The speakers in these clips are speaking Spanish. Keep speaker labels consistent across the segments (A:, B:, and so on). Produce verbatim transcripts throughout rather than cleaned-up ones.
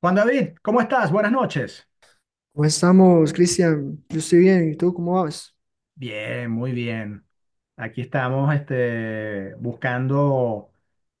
A: Juan David, ¿cómo estás? Buenas noches.
B: ¿Cómo estamos, Cristian? Yo estoy bien, ¿y tú cómo vas?
A: Bien, muy bien. Aquí estamos este, buscando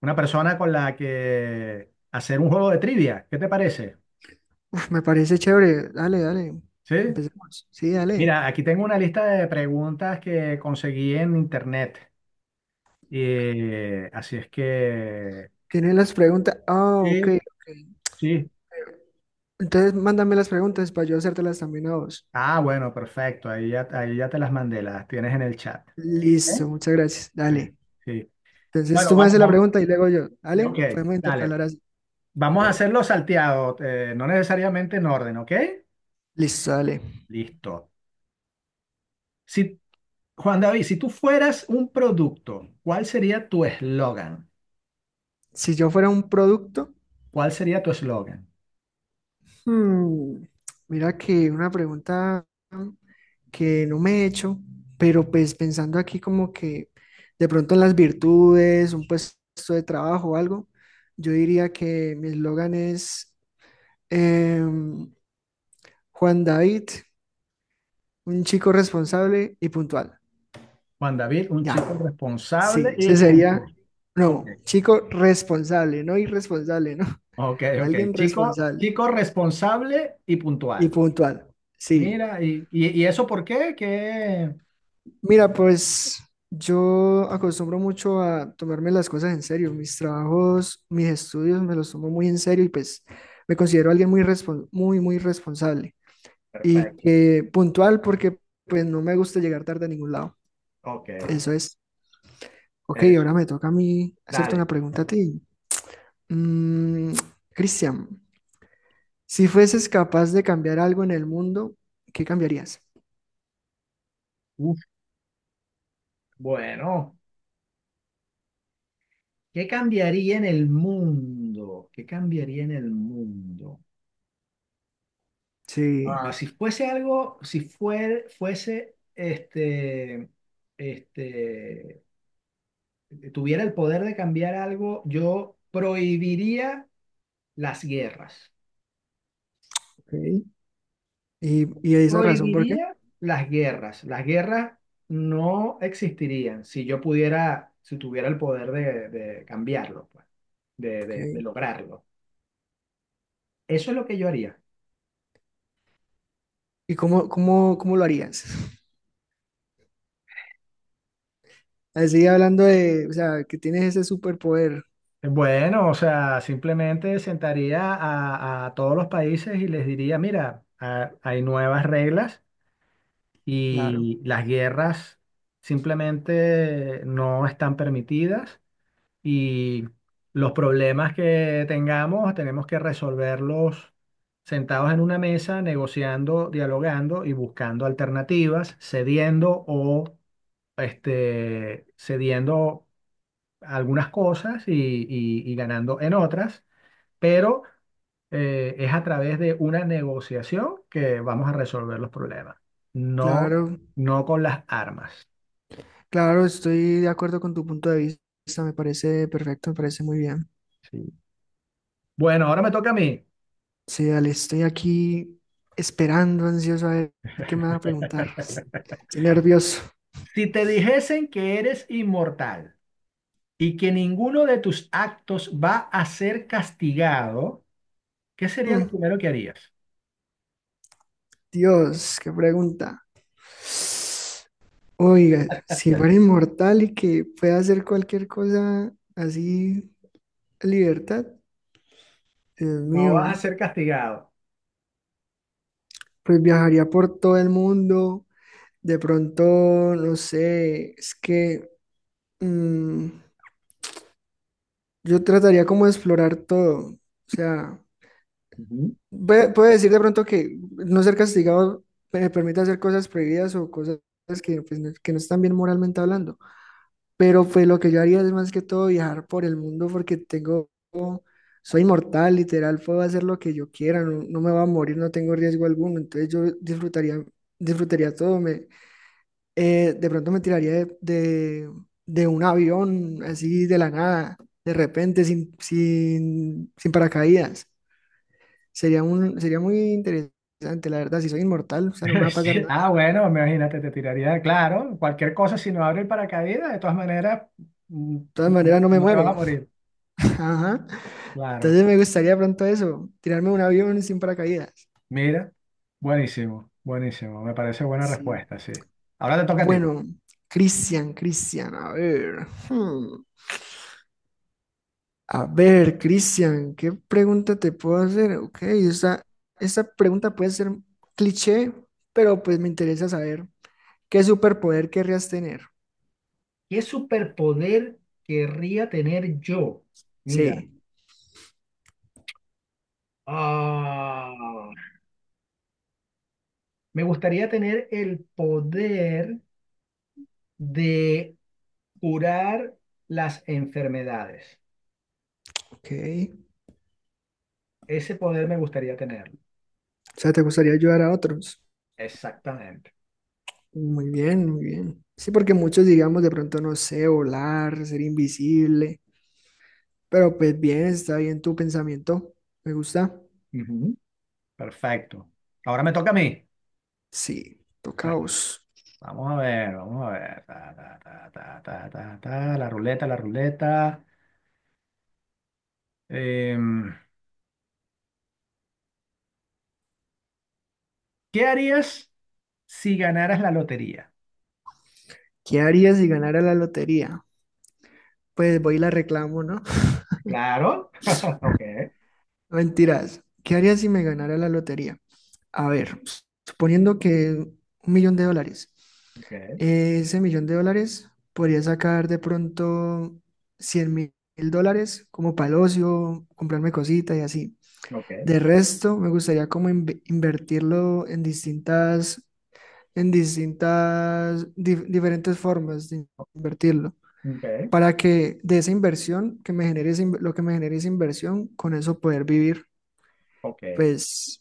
A: una persona con la que hacer un juego de trivia. ¿Qué te parece?
B: Uf, me parece chévere. Dale, dale.
A: ¿Sí?
B: Empecemos. Sí, dale.
A: Mira, aquí tengo una lista de preguntas que conseguí en internet. Eh, así es que...
B: ¿Tienes las preguntas? Ah, ok,
A: Sí,
B: ok.
A: sí.
B: Entonces, mándame las preguntas para yo hacértelas también a vos.
A: Ah, bueno, perfecto. Ahí ya, ahí ya te las mandé, las tienes en el chat. ¿Eh?
B: Listo, muchas gracias.
A: Sí,
B: Dale.
A: sí.
B: Entonces,
A: Bueno,
B: tú me
A: vamos,
B: haces la
A: vamos.
B: pregunta y luego yo. Dale,
A: Ok,
B: podemos
A: dale.
B: intercalar así.
A: Vamos a hacerlo salteado, eh, no necesariamente en orden, ¿ok?
B: Listo, dale.
A: Listo. Si, Juan David, si tú fueras un producto, ¿cuál sería tu eslogan?
B: Si yo fuera un producto,
A: ¿Cuál sería tu eslogan?
B: hmm, mira que una pregunta que no me he hecho, pero pues pensando aquí como que de pronto en las virtudes, un puesto de trabajo o algo, yo diría que mi eslogan es em, Juan David, un chico responsable y puntual.
A: Juan David, un
B: Ya,
A: chico responsable
B: sí,
A: y
B: ese
A: punto.
B: sería,
A: Ok,
B: no, chico responsable, no irresponsable, ¿no?
A: ok, ok.
B: Alguien
A: Chico,
B: responsable
A: chico responsable y
B: y
A: puntual.
B: puntual, sí.
A: Mira, y, y, ¿y eso por qué? Que...
B: Mira, pues yo acostumbro mucho a tomarme las cosas en serio. Mis trabajos, mis estudios me los tomo muy en serio y pues me considero alguien muy respon- muy, muy responsable y
A: Perfecto,
B: que puntual porque pues no me gusta llegar tarde a ningún lado.
A: ok,
B: Eso es. Ok,
A: eso,
B: ahora me toca a mí hacerte una
A: dale.
B: pregunta a ti. Mm, Cristian, si fueses capaz de cambiar algo en el mundo, ¿qué cambiarías?
A: Uf, bueno. ¿Qué cambiaría en el mundo? ¿Qué cambiaría en el mundo?
B: Sí,
A: Ah, si fuese algo, si fuer- fuese, este, este, tuviera el poder de cambiar algo, yo prohibiría las guerras.
B: ok. ¿Y, y esa razón por qué?
A: Prohibiría las guerras. Las guerras no existirían si yo pudiera, si tuviera el poder de, de cambiarlo, pues, de, de de
B: Ok.
A: lograrlo. Eso es lo que yo haría.
B: ¿Y cómo, cómo, cómo lo harías? Así hablando de, o sea, que tienes ese superpoder.
A: Bueno, o sea, simplemente sentaría a, a todos los países y les diría, mira, ha- hay nuevas reglas
B: Claro,
A: y las guerras simplemente no están permitidas y los problemas que tengamos tenemos que resolverlos sentados en una mesa, negociando, dialogando y buscando alternativas, cediendo o este, cediendo algunas cosas y y- y ganando en otras pero eh, es a través de una negociación que vamos a resolver los problemas, no,
B: claro,
A: no con las armas.
B: claro, estoy de acuerdo con tu punto de vista. Me parece perfecto, me parece muy bien.
A: Sí. Bueno, ahora me toca a mí.
B: Sí, dale, estoy aquí esperando, ansioso a ver qué me vas a preguntar. Estoy nervioso.
A: Si te dijesen que eres inmortal y que ninguno de tus actos va a ser castigado, ¿qué sería lo
B: Mm,
A: primero que harías?
B: Dios, qué pregunta. Oiga, si fuera inmortal y que pueda hacer cualquier cosa así, a libertad, Dios
A: No vas a
B: mío.
A: ser castigado.
B: Pues viajaría por todo el mundo. De pronto, no sé, es que mm, yo trataría como de explorar todo. O sea,
A: Ujú.
B: pue- puedo decir de pronto que no ser castigado me permite hacer cosas prohibidas o cosas que, pues, no, que no están bien moralmente hablando. Pero pues lo que yo haría es más que todo viajar por el mundo porque tengo, soy inmortal, literal, puedo hacer lo que yo quiera, no, no me va a morir, no tengo riesgo alguno. Entonces yo disfrutaría, disfrutaría todo. Me, eh, de pronto me tiraría de, de- de un avión así de la nada, de repente, sin, sin, sin paracaídas. Sería un, sería muy interesante, la verdad, si soy inmortal, o sea, no me va a pasar
A: Sí.
B: nada.
A: Ah, bueno, imagínate, te tiraría, claro, cualquier cosa, si no abre el paracaídas, de todas maneras, mm,
B: De todas
A: mm, no,
B: maneras, no me
A: no te vas a
B: muero.
A: morir.
B: Ajá.
A: Claro.
B: Entonces me gustaría pronto eso, tirarme de un avión sin paracaídas.
A: Mira, buenísimo, buenísimo. Me parece buena
B: Sí.
A: respuesta, sí. Ahora te toca a ti.
B: Bueno, Cristian, Cristian, a ver. Hmm. A ver, Cristian, ¿qué pregunta te puedo hacer? Ok, esa, esa pregunta puede ser cliché, pero pues me interesa saber qué superpoder querrías tener.
A: ¿Qué superpoder querría tener yo? Mira,
B: Sí,
A: ah, me gustaría tener el poder de curar las enfermedades.
B: ok.
A: Ese poder me gustaría tenerlo.
B: O sea, ¿te gustaría ayudar a otros?
A: Exactamente.
B: Muy bien, muy bien. Sí, porque muchos digamos de pronto, no sé, volar, ser invisible, pero pues bien, está bien tu pensamiento. Me gusta.
A: Ujú. Perfecto. Ahora me toca a mí.
B: Sí, tocaos.
A: Vamos a ver, vamos a ver. Ta, ta, ta, ta, ta, ta, ta, la ruleta, la ruleta. Em, ¿Qué harías si ganaras la lotería?
B: ¿Qué harías si ganara la lotería? Pues voy y la reclamo, ¿no?
A: Claro. Ok,
B: Mentiras. ¿Qué haría si me ganara la lotería? A ver, s- suponiendo que un millón de dólares.
A: ok,
B: eh, Ese millón de dólares podría sacar de pronto cien mil dólares como para el ocio, comprarme cositas y así.
A: ok,
B: De resto, me gustaría como inve- invertirlo en distintas, en distintas, dif- diferentes formas de invertirlo.
A: ok,
B: Para que de esa inversión que me genere, esa in- lo que me genere esa inversión, con eso poder vivir,
A: ok.
B: pues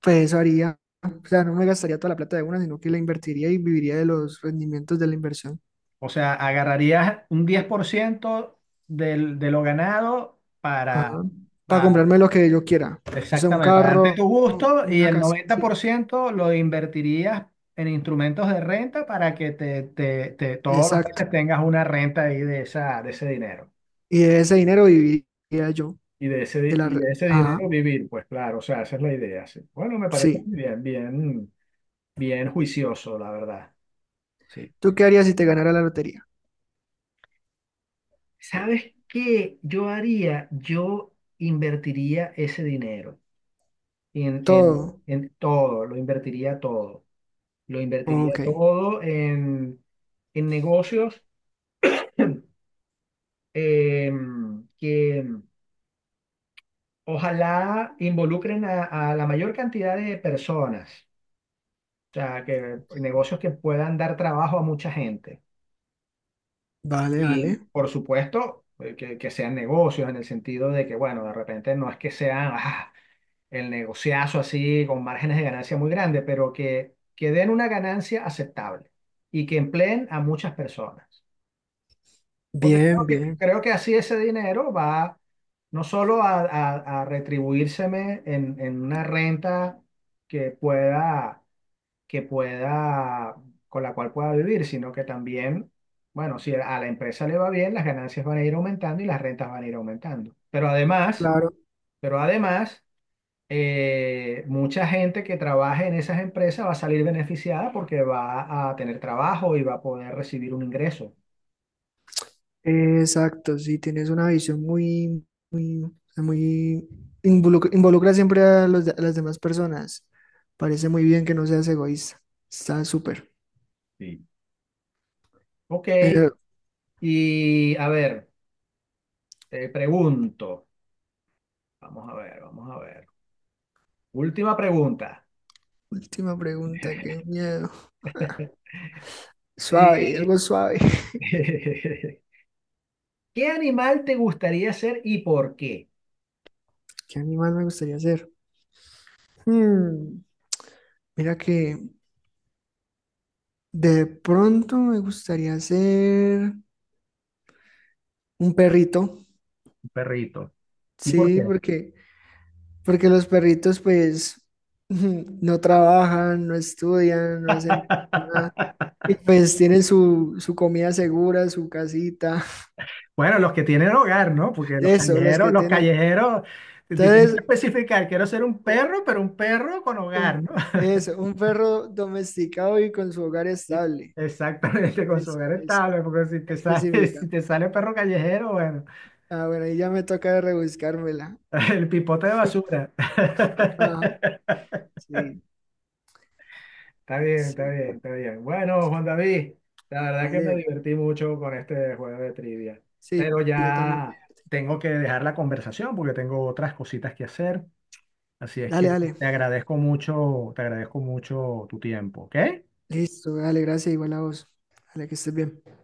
B: pues eso haría. O sea, no me gastaría toda la plata de una, sino que la invertiría y viviría de los rendimientos de la inversión.
A: O sea, agarrarías un diez por ciento del- de lo ganado para,
B: Ajá. Para
A: pa-
B: comprarme lo que yo quiera. O sea, un
A: exactamente, para darte
B: carro,
A: tu gusto y
B: una
A: el
B: casa.
A: noventa
B: Sí,
A: por ciento lo invertirías en instrumentos de renta para que te, te- te- todos los
B: exacto.
A: meses tengas una renta ahí de, esa, de ese dinero.
B: Y de ese dinero viviría yo.
A: Y de
B: De
A: ese,
B: la...
A: y
B: re-
A: de ese
B: Ajá,
A: dinero vivir, pues claro, o sea, esa es la idea, sí. Bueno, me parece
B: sí.
A: muy bien, bien, bien juicioso, la verdad. Sí.
B: ¿Tú qué harías si te ganara la lotería?
A: ¿Sabes qué yo haría? Yo invertiría ese dinero en, en,
B: Todo.
A: en todo, lo invertiría todo. Lo invertiría
B: Ok.
A: todo en, en negocios em, que ojalá involucren a, a la mayor cantidad de personas. O sea, que negocios que puedan dar trabajo a mucha gente.
B: Vale,
A: Y
B: vale.
A: por supuesto, eh, que, que sean negocios en el sentido de que, bueno, de repente no es que sea ah, el negociazo así con márgenes de ganancia muy grandes, pero que, que den una ganancia aceptable y que empleen a muchas personas. Porque
B: Bien,
A: creo que,
B: bien.
A: creo que así ese dinero va no solo a, a, a retribuírseme en, en una renta que pueda que pueda, con la cual pueda vivir, sino que también, bueno, si a la empresa le va bien, las ganancias van a ir aumentando y las rentas van a ir aumentando. Pero además,
B: Claro.
A: pero además, eh, mucha gente que trabaje en esas empresas va a salir beneficiada porque va a tener trabajo y va a poder recibir un ingreso.
B: Exacto, sí, tienes una visión muy, muy, o sea, muy involucra, involucra siempre a, los de- a las demás personas. Parece muy bien que no seas egoísta. Está súper.
A: Sí. Ok,
B: Eh,
A: y a ver, te pregunto, vamos a ver, vamos a ver. Última pregunta.
B: última pregunta, qué miedo. Suave, algo
A: Eh,
B: suave.
A: ¿Qué animal te gustaría ser y por qué?
B: ¿Qué animal me gustaría ser? Hmm, mira que de pronto me gustaría ser un perrito.
A: Un perrito. ¿Y por
B: Sí,
A: qué?
B: porque, porque los perritos pues no trabajan, no estudian, no hacen nada. Y pues tienen su, su comida segura, su casita,
A: Bueno, los que tienen hogar, ¿no? Porque los
B: eso, los
A: callejeros,
B: que
A: los
B: tienen.
A: callejeros, te- te tienes que
B: Entonces,
A: especificar, quiero ser un
B: u-
A: perro, pero un perro con hogar, ¿no?
B: un, eso, un perro domesticado y con su hogar
A: Sí.
B: estable.
A: Exactamente, con su
B: Eso,
A: hogar
B: es
A: estable, porque si te sale,
B: específica.
A: si te sale perro callejero, bueno,
B: Ah, bueno, ahí ya me toca rebuscármela.
A: el pipote de basura.
B: Ajá, sí,
A: Está bien, está
B: sí,
A: bien, está bien. Bueno, Juan David, la verdad que me
B: vale.
A: divertí mucho con este juego de trivia,
B: Sí,
A: pero
B: yo también. Voy
A: ya
B: a-
A: tengo que dejar la conversación porque tengo otras cositas que hacer, así es
B: Dale,
A: que
B: dale.
A: te agradezco mucho, te agradezco mucho tu tiempo, ¿ok?
B: Listo, dale, gracias, igual a vos. Dale, que estés bien.